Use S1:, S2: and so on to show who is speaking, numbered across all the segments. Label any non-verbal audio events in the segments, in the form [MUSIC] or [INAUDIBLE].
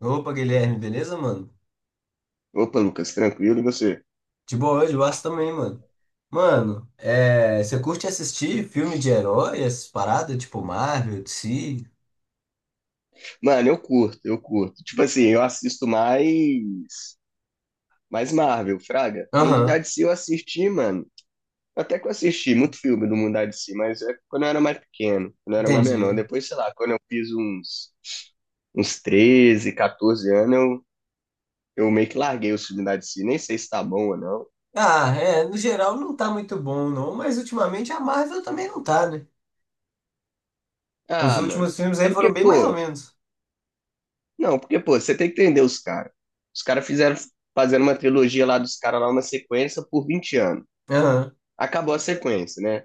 S1: Opa, Guilherme, beleza, mano?
S2: Opa, Lucas, tranquilo e você?
S1: De boa hoje, o Aço também, mano. Mano, é, você curte assistir filme de herói, essas paradas, tipo Marvel, DC?
S2: Mano, eu curto. Tipo assim, eu assisto mais Marvel, Fraga. Mundo
S1: Aham,
S2: da DC eu assisti, mano. Até que eu assisti muito filme do Mundo da DC, mas é quando eu era mais pequeno, quando eu era mais menor.
S1: entendi.
S2: Depois, sei lá, quando eu fiz uns treze, 14 anos, eu meio que larguei o filme da DC. Nem sei se tá bom ou não.
S1: Ah, é, no geral não tá muito bom, não, mas ultimamente a Marvel também não tá, né? Os
S2: Ah, mano.
S1: últimos filmes
S2: É
S1: aí
S2: porque,
S1: foram bem mais ou
S2: pô,
S1: menos.
S2: não, porque, pô, você tem que entender os caras. Os caras fizeram Fazendo uma trilogia lá dos caras lá, uma sequência por 20 anos.
S1: Aham,
S2: Acabou a sequência, né?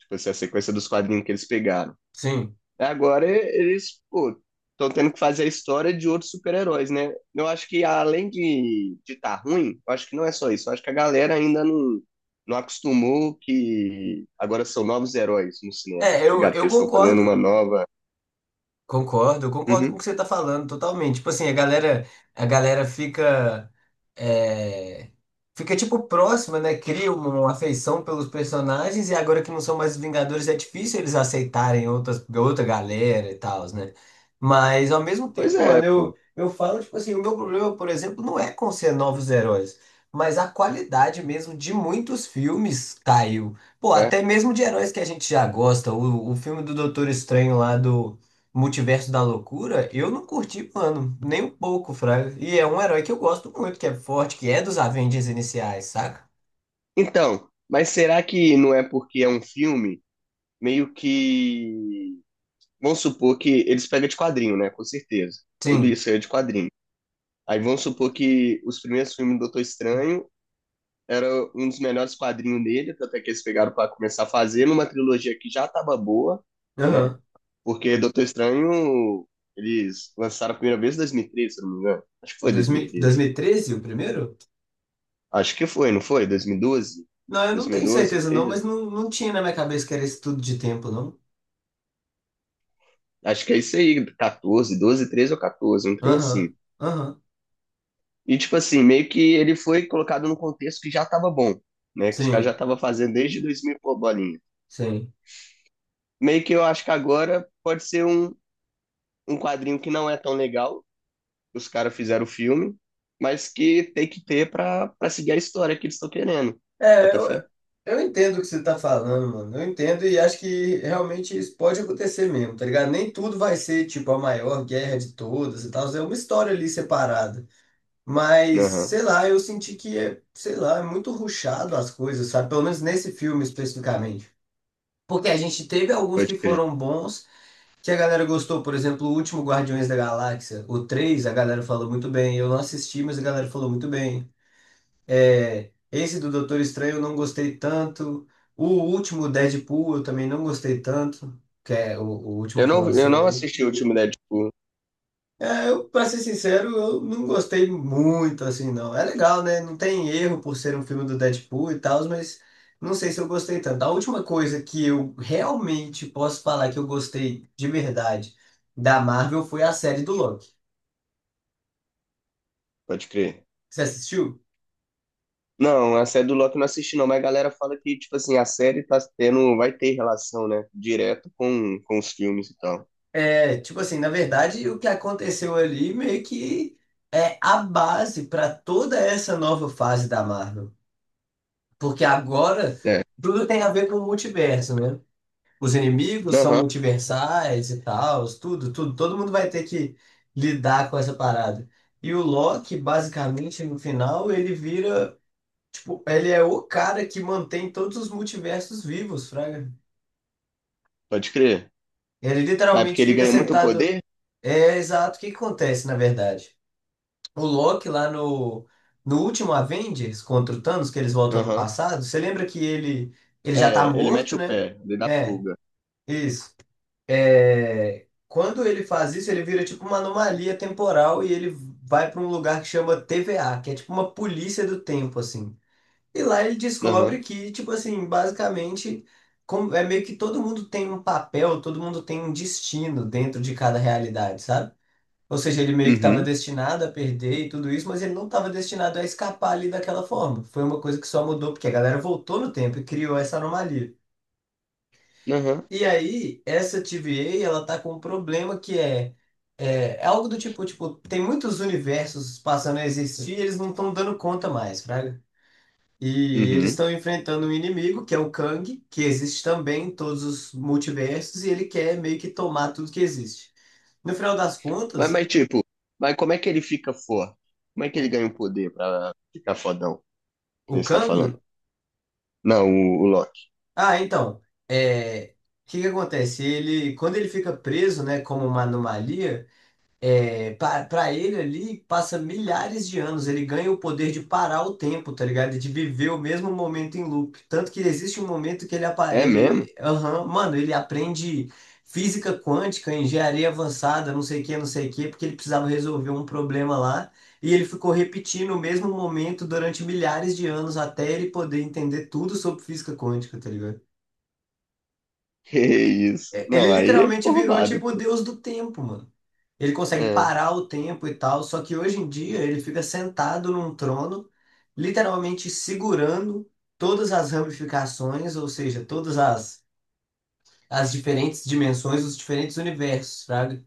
S2: Tipo assim, a sequência dos quadrinhos que eles pegaram.
S1: sim.
S2: Agora eles, pô, estão tendo que fazer a história de outros super-heróis, né? Eu acho que além de tá ruim, eu acho que não é só isso. Eu acho que a galera ainda não acostumou que agora são novos heróis no cinema,
S1: É,
S2: tá
S1: eu,
S2: ligado? Que
S1: eu
S2: eles estão fazendo uma
S1: concordo.
S2: nova.
S1: Concordo, concordo com
S2: Uhum.
S1: o que você tá falando totalmente. Tipo assim, a galera fica, é, fica tipo próxima, né? Cria uma afeição pelos personagens e agora que não são mais os Vingadores é difícil eles aceitarem outras, outra galera e tal, né? Mas ao mesmo
S2: Pois
S1: tempo,
S2: é,
S1: mano,
S2: pô.
S1: eu falo, tipo assim, o meu problema, por exemplo, não é com ser novos heróis, mas a qualidade mesmo de muitos filmes caiu. Pô,
S2: É.
S1: até mesmo de heróis que a gente já gosta. O filme do Doutor Estranho lá do Multiverso da Loucura, eu não curti, mano, nem um pouco, Fraga. E é um herói que eu gosto muito, que é forte, que é dos Avengers iniciais, saca?
S2: Então, mas será que não é porque é um filme meio que... Vamos supor que eles pegam de quadrinho, né? Com certeza. Tudo
S1: Sim.
S2: isso aí é de quadrinho. Aí vamos supor que os primeiros filmes do Doutor Estranho era um dos melhores quadrinhos dele, até que eles pegaram para começar a fazer numa trilogia que já estava boa, né?
S1: Aham.
S2: Porque Doutor Estranho eles lançaram a primeira vez em 2013, se eu não me engano. Acho que foi
S1: dois mil dois
S2: 2013.
S1: mil e treze, o primeiro?
S2: Acho que foi, não foi? 2012?
S1: Não, eu não tenho
S2: 2012,
S1: certeza não, mas
S2: 13?
S1: não, não tinha na minha cabeça que era esse tudo de tempo, não.
S2: Acho que é isso aí, 14, 12, 13 ou 14, um trem
S1: Aham,
S2: assim.
S1: aham.
S2: E, tipo assim, meio que ele foi colocado num contexto que já tava bom, né? Que os caras já
S1: Sim,
S2: estavam fazendo desde 2000 por bolinha.
S1: sim.
S2: Meio que eu acho que agora pode ser um quadrinho que não é tão legal, que os caras fizeram o filme, mas que tem que ter pra seguir a história que eles estão querendo.
S1: É,
S2: Bota
S1: eu,
S2: fé?
S1: eu entendo o que você tá falando, mano. Eu entendo e acho que realmente isso pode acontecer mesmo, tá ligado? Nem tudo vai ser, tipo, a maior guerra de todas e tal. É uma história ali separada. Mas,
S2: Aham,
S1: sei lá, eu senti que, é, sei lá, é muito rushado as coisas, sabe? Pelo menos nesse filme especificamente. Porque a gente teve alguns
S2: pode
S1: que
S2: crer.
S1: foram bons, que a galera gostou. Por exemplo, o último Guardiões da Galáxia, o 3 a galera falou muito bem. Eu não assisti, mas a galera falou muito bem. É, esse do Doutor Estranho eu não gostei tanto. O último Deadpool eu também não gostei tanto, que é o último
S2: Eu
S1: que
S2: não, eu
S1: lançou
S2: não
S1: aí.
S2: assisti o último Deadpool,
S1: É, eu, pra ser sincero, eu não gostei muito, assim, não. É legal, né? Não tem erro por ser um filme do Deadpool e tal, mas não sei se eu gostei tanto. A última coisa que eu realmente posso falar que eu gostei de verdade da Marvel foi a série do Loki.
S2: pode crer.
S1: Você assistiu?
S2: Não, a série do Loki eu não assisti não, mas a galera fala que, tipo assim, a série tá tendo, vai ter relação, né, direto com os filmes e tal.
S1: É, tipo assim, na verdade, o que aconteceu ali meio que é a base para toda essa nova fase da Marvel. Porque agora
S2: É.
S1: tudo tem a ver com o multiverso, né? Os inimigos são
S2: Aham.
S1: multiversais e tal, tudo, tudo. Todo mundo vai ter que lidar com essa parada. E o Loki, basicamente, no final, ele vira, tipo, ele é o cara que mantém todos os multiversos vivos, fraga.
S2: Pode crer.
S1: Ele
S2: Mas porque
S1: literalmente
S2: ele
S1: fica
S2: ganha muito
S1: sentado.
S2: poder?
S1: É exato o que que acontece, na verdade. O Loki lá no último Avengers contra o Thanos, que eles voltam no
S2: Aham.
S1: passado, você lembra que ele já tá
S2: É, ele mete
S1: morto,
S2: o
S1: né?
S2: pé, ele dá
S1: É,
S2: fuga.
S1: isso. É, quando ele faz isso, ele vira tipo uma anomalia temporal e ele vai para um lugar que chama TVA, que é tipo uma polícia do tempo, assim. E lá ele descobre
S2: Aham.
S1: que, tipo assim, basicamente, como- é meio que todo mundo tem um papel, todo mundo tem um destino dentro de cada realidade, sabe? Ou seja, ele meio que estava
S2: Uhum.
S1: destinado a perder e tudo isso, mas ele não estava destinado a escapar ali daquela forma. Foi uma coisa que só mudou porque a galera voltou no tempo e criou essa anomalia.
S2: Aham.
S1: E aí, essa TVA, ela tá com um problema que é, algo do tipo, tem muitos universos passando a existir, e eles não estão dando conta mais, fraga. E eles
S2: Uhum.
S1: estão enfrentando um inimigo, que é o Kang, que existe também em todos os multiversos, e ele quer meio que tomar tudo que existe. No final das
S2: Mas,
S1: contas,
S2: mas tipo, mas como é que ele fica forte? Como é que ele
S1: o,
S2: ganha o poder pra ficar fodão? Que
S1: o
S2: nem você tá
S1: Kang,
S2: falando. Não, o Loki.
S1: ah, então, é, o que que acontece? Ele, quando ele fica preso, né, como uma anomalia, é, para ele ali, passa milhares de anos, ele ganha o poder de parar o tempo, tá ligado? De viver o mesmo momento em loop. Tanto que existe um momento que ele, apa-
S2: É mesmo?
S1: ele,
S2: [LAUGHS]
S1: aham, mano, ele aprende física quântica, engenharia avançada, não sei o que, não sei o que, porque ele precisava resolver um problema lá, e ele ficou repetindo o mesmo momento durante milhares de anos até ele poder entender tudo sobre física quântica, tá ligado?
S2: Que isso.
S1: É,
S2: Não,
S1: ele
S2: aí ele
S1: literalmente
S2: ficou
S1: virou
S2: roubado,
S1: tipo o
S2: pô.
S1: deus do tempo, mano. Ele consegue
S2: É.
S1: parar o tempo e tal, só que hoje em dia ele fica sentado num trono, literalmente segurando todas as ramificações, ou seja, todas as diferentes dimensões, os diferentes universos, sabe?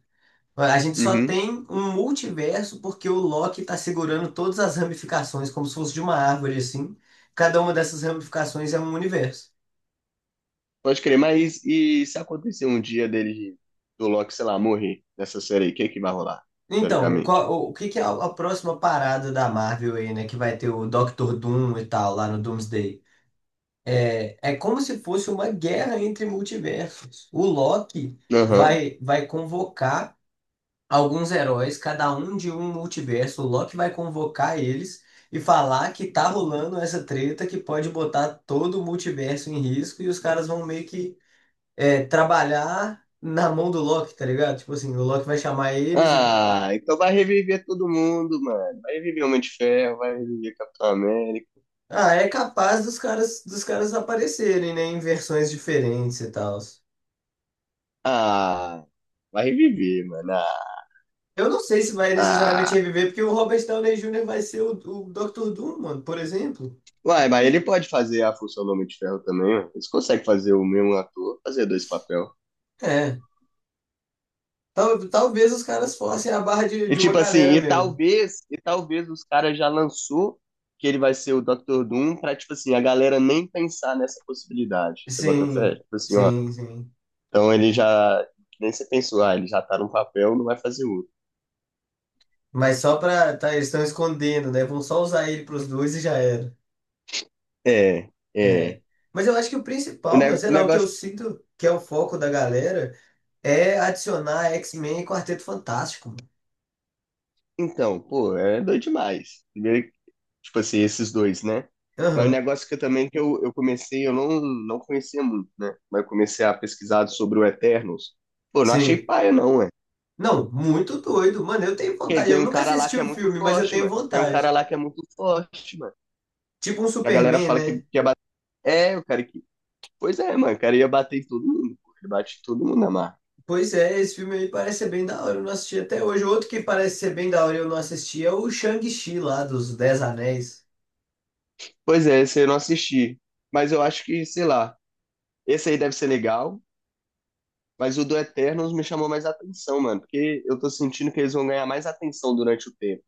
S1: A gente só
S2: Uhum.
S1: tem um multiverso porque o Loki tá segurando todas as ramificações, como se fosse de uma árvore assim. Cada uma dessas ramificações é um universo.
S2: Pode crer, mas e se acontecer um dia dele, do Loki, sei lá, morrer nessa série aí, o que que vai rolar?
S1: Então,
S2: Teoricamente.
S1: qual- o que que é a próxima parada da Marvel aí, né? Que vai ter o Doctor Doom e tal, lá no Doomsday. É, é como se fosse uma guerra entre multiversos. O Loki
S2: Aham.
S1: vai convocar alguns heróis, cada um de um multiverso. O Loki vai convocar eles e falar que tá rolando essa treta que pode botar todo o multiverso em risco e os caras vão meio que é, trabalhar na mão do Loki, tá ligado? Tipo assim, o Loki vai chamar eles e.
S2: Ah, então vai reviver todo mundo, mano. Vai reviver Homem de Ferro, vai reviver Capitão América.
S1: Ah, é capaz dos caras aparecerem, né, em versões diferentes e tal.
S2: Ah, vai reviver, mano. Ah,
S1: Eu não sei se vai necessariamente
S2: ah.
S1: reviver, porque o Robert Downey Jr. vai ser o Dr. Doom, mano, por exemplo.
S2: Uai, mas ele pode fazer a função do Homem de Ferro também, ó. Eles conseguem fazer o mesmo ator, fazer dois papel.
S1: É, tal- talvez os caras forcem a barra de,
S2: E
S1: de uma
S2: tipo assim,
S1: galera
S2: e
S1: mesmo.
S2: talvez, e talvez os caras já lançou que ele vai ser o Dr. Doom pra, tipo assim, a galera nem pensar nessa possibilidade. Você bota fé?
S1: Sim,
S2: Tipo assim, ó.
S1: sim, sim.
S2: Então ele já, nem você pensou, ah, ele já tá num papel, não vai fazer outro.
S1: Mas só pra. Tá, eles estão escondendo, né? Vão só usar ele pros dois e já era.
S2: É,
S1: É.
S2: é.
S1: Mas eu acho que o
S2: O
S1: principal, mas sei
S2: o
S1: lá, o que eu
S2: negócio,
S1: sinto que é o foco da galera é adicionar X-Men e Quarteto Fantástico. Mano.
S2: então, pô, é doido demais. Primeiro, tipo assim, esses dois, né? Mas o
S1: Aham,
S2: negócio que eu também que eu comecei, eu não conhecia muito, né? Mas eu comecei a pesquisar sobre o Eternos. Pô, não achei
S1: sim.
S2: paia, não, ué.
S1: Não, muito doido. Mano, eu tenho
S2: Porque
S1: vontade.
S2: tem
S1: Eu
S2: um
S1: nunca
S2: cara lá
S1: assisti
S2: que é
S1: o
S2: muito
S1: filme, mas eu
S2: forte,
S1: tenho
S2: mano. Tem um cara
S1: vontade.
S2: lá que é muito forte, mano.
S1: Tipo um
S2: Que a galera
S1: Superman,
S2: fala que
S1: né?
S2: ia bater. É, o cara que. Pois é, mano, o cara ia bater em todo mundo. Pô. Ele bate em todo mundo na marra.
S1: Pois é, esse filme aí parece ser bem da hora, eu não assisti até hoje. Outro que parece ser bem da hora e eu não assisti é o Shang-Chi lá dos Dez Anéis.
S2: Pois é, esse eu não assisti. Mas eu acho que, sei lá, esse aí deve ser legal. Mas o do Eternals me chamou mais atenção, mano, porque eu tô sentindo que eles vão ganhar mais atenção durante o tempo.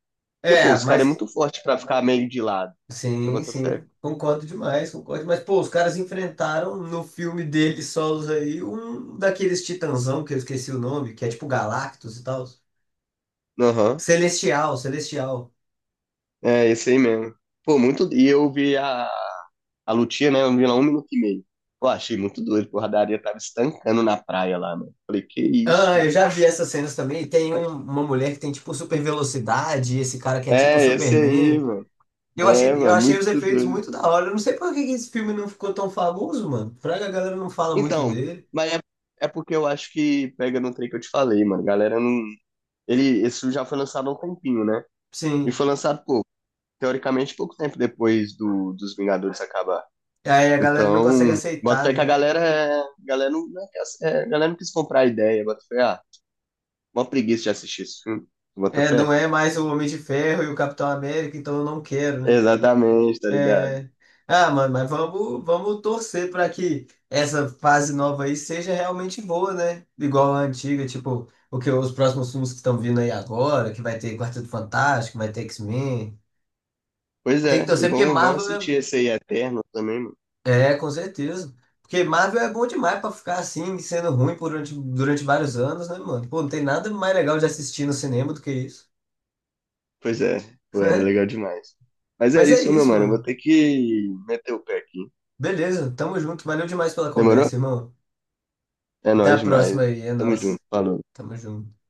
S2: Porque, pô,
S1: É,
S2: os caras é
S1: mas
S2: muito forte pra ficar meio de lado. Você
S1: sim,
S2: bota fé?
S1: sim, concordo demais, concordo. Mas pô, os caras enfrentaram no filme deles solos aí um daqueles titãzão que eu esqueci o nome, que é tipo Galactus e tal.
S2: Aham.
S1: Celestial, Celestial.
S2: É, esse aí mesmo. Pô, muito. E eu vi a lutinha, né? Eu vi lá 1 minuto e meio. Pô, achei muito doido, porra, a Daria tava estancando na praia lá, mano. Falei, que isso,
S1: Ah, eu
S2: mano.
S1: já vi essas cenas também. Tem um- uma mulher que tem tipo super velocidade, esse cara que é tipo
S2: É, esse aí,
S1: Superman.
S2: mano. É,
S1: Eu
S2: mano,
S1: achei os
S2: muito
S1: efeitos
S2: doido.
S1: muito da hora. Eu não sei por que que esse filme não ficou tão famoso, mano. Fraga, a galera não fala muito
S2: Então,
S1: dele.
S2: mas é, é porque eu acho que pega no trem que eu te falei, mano. Galera não. Ele, esse já foi lançado há um tempinho, né? E
S1: Sim.
S2: foi lançado, pô, teoricamente, pouco tempo depois do, dos Vingadores acabar.
S1: Aí a galera não consegue
S2: Então, bota
S1: aceitar,
S2: fé que a
S1: né?
S2: galera, a galera, não, não é que a- é, a galera não quis comprar a ideia, bota fé, ah, uma preguiça de assistir esse filme, bota
S1: É, não
S2: fé.
S1: é mais o Homem de Ferro e o Capitão América, então eu não quero, né?
S2: Exatamente, tá ligado?
S1: É. Ah, mano, mas vamos torcer pra que essa fase nova aí seja realmente boa, né? Igual a antiga, tipo, o que os próximos filmes que estão vindo aí agora, que vai ter Quarteto Fantástico, vai ter X-Men.
S2: Pois
S1: Tem que
S2: é, e
S1: torcer porque
S2: vão, vão
S1: Marvel é.
S2: assistir esse aí Eterno também, mano.
S1: É, com certeza. Porque Marvel é bom demais pra ficar assim, sendo ruim por durante vários anos, né, mano? Pô, não tem nada mais legal de assistir no cinema do que isso.
S2: Pois é, pô, era legal
S1: [LAUGHS]
S2: demais. Mas é
S1: Mas é
S2: isso, meu
S1: isso,
S2: mano, eu vou
S1: mano.
S2: ter que meter o pé aqui.
S1: Beleza, tamo junto. Valeu demais pela
S2: Demorou?
S1: conversa, irmão.
S2: É
S1: Até
S2: nóis
S1: a
S2: demais.
S1: próxima aí, é
S2: Tamo junto,
S1: nóis.
S2: falou.
S1: Tamo junto.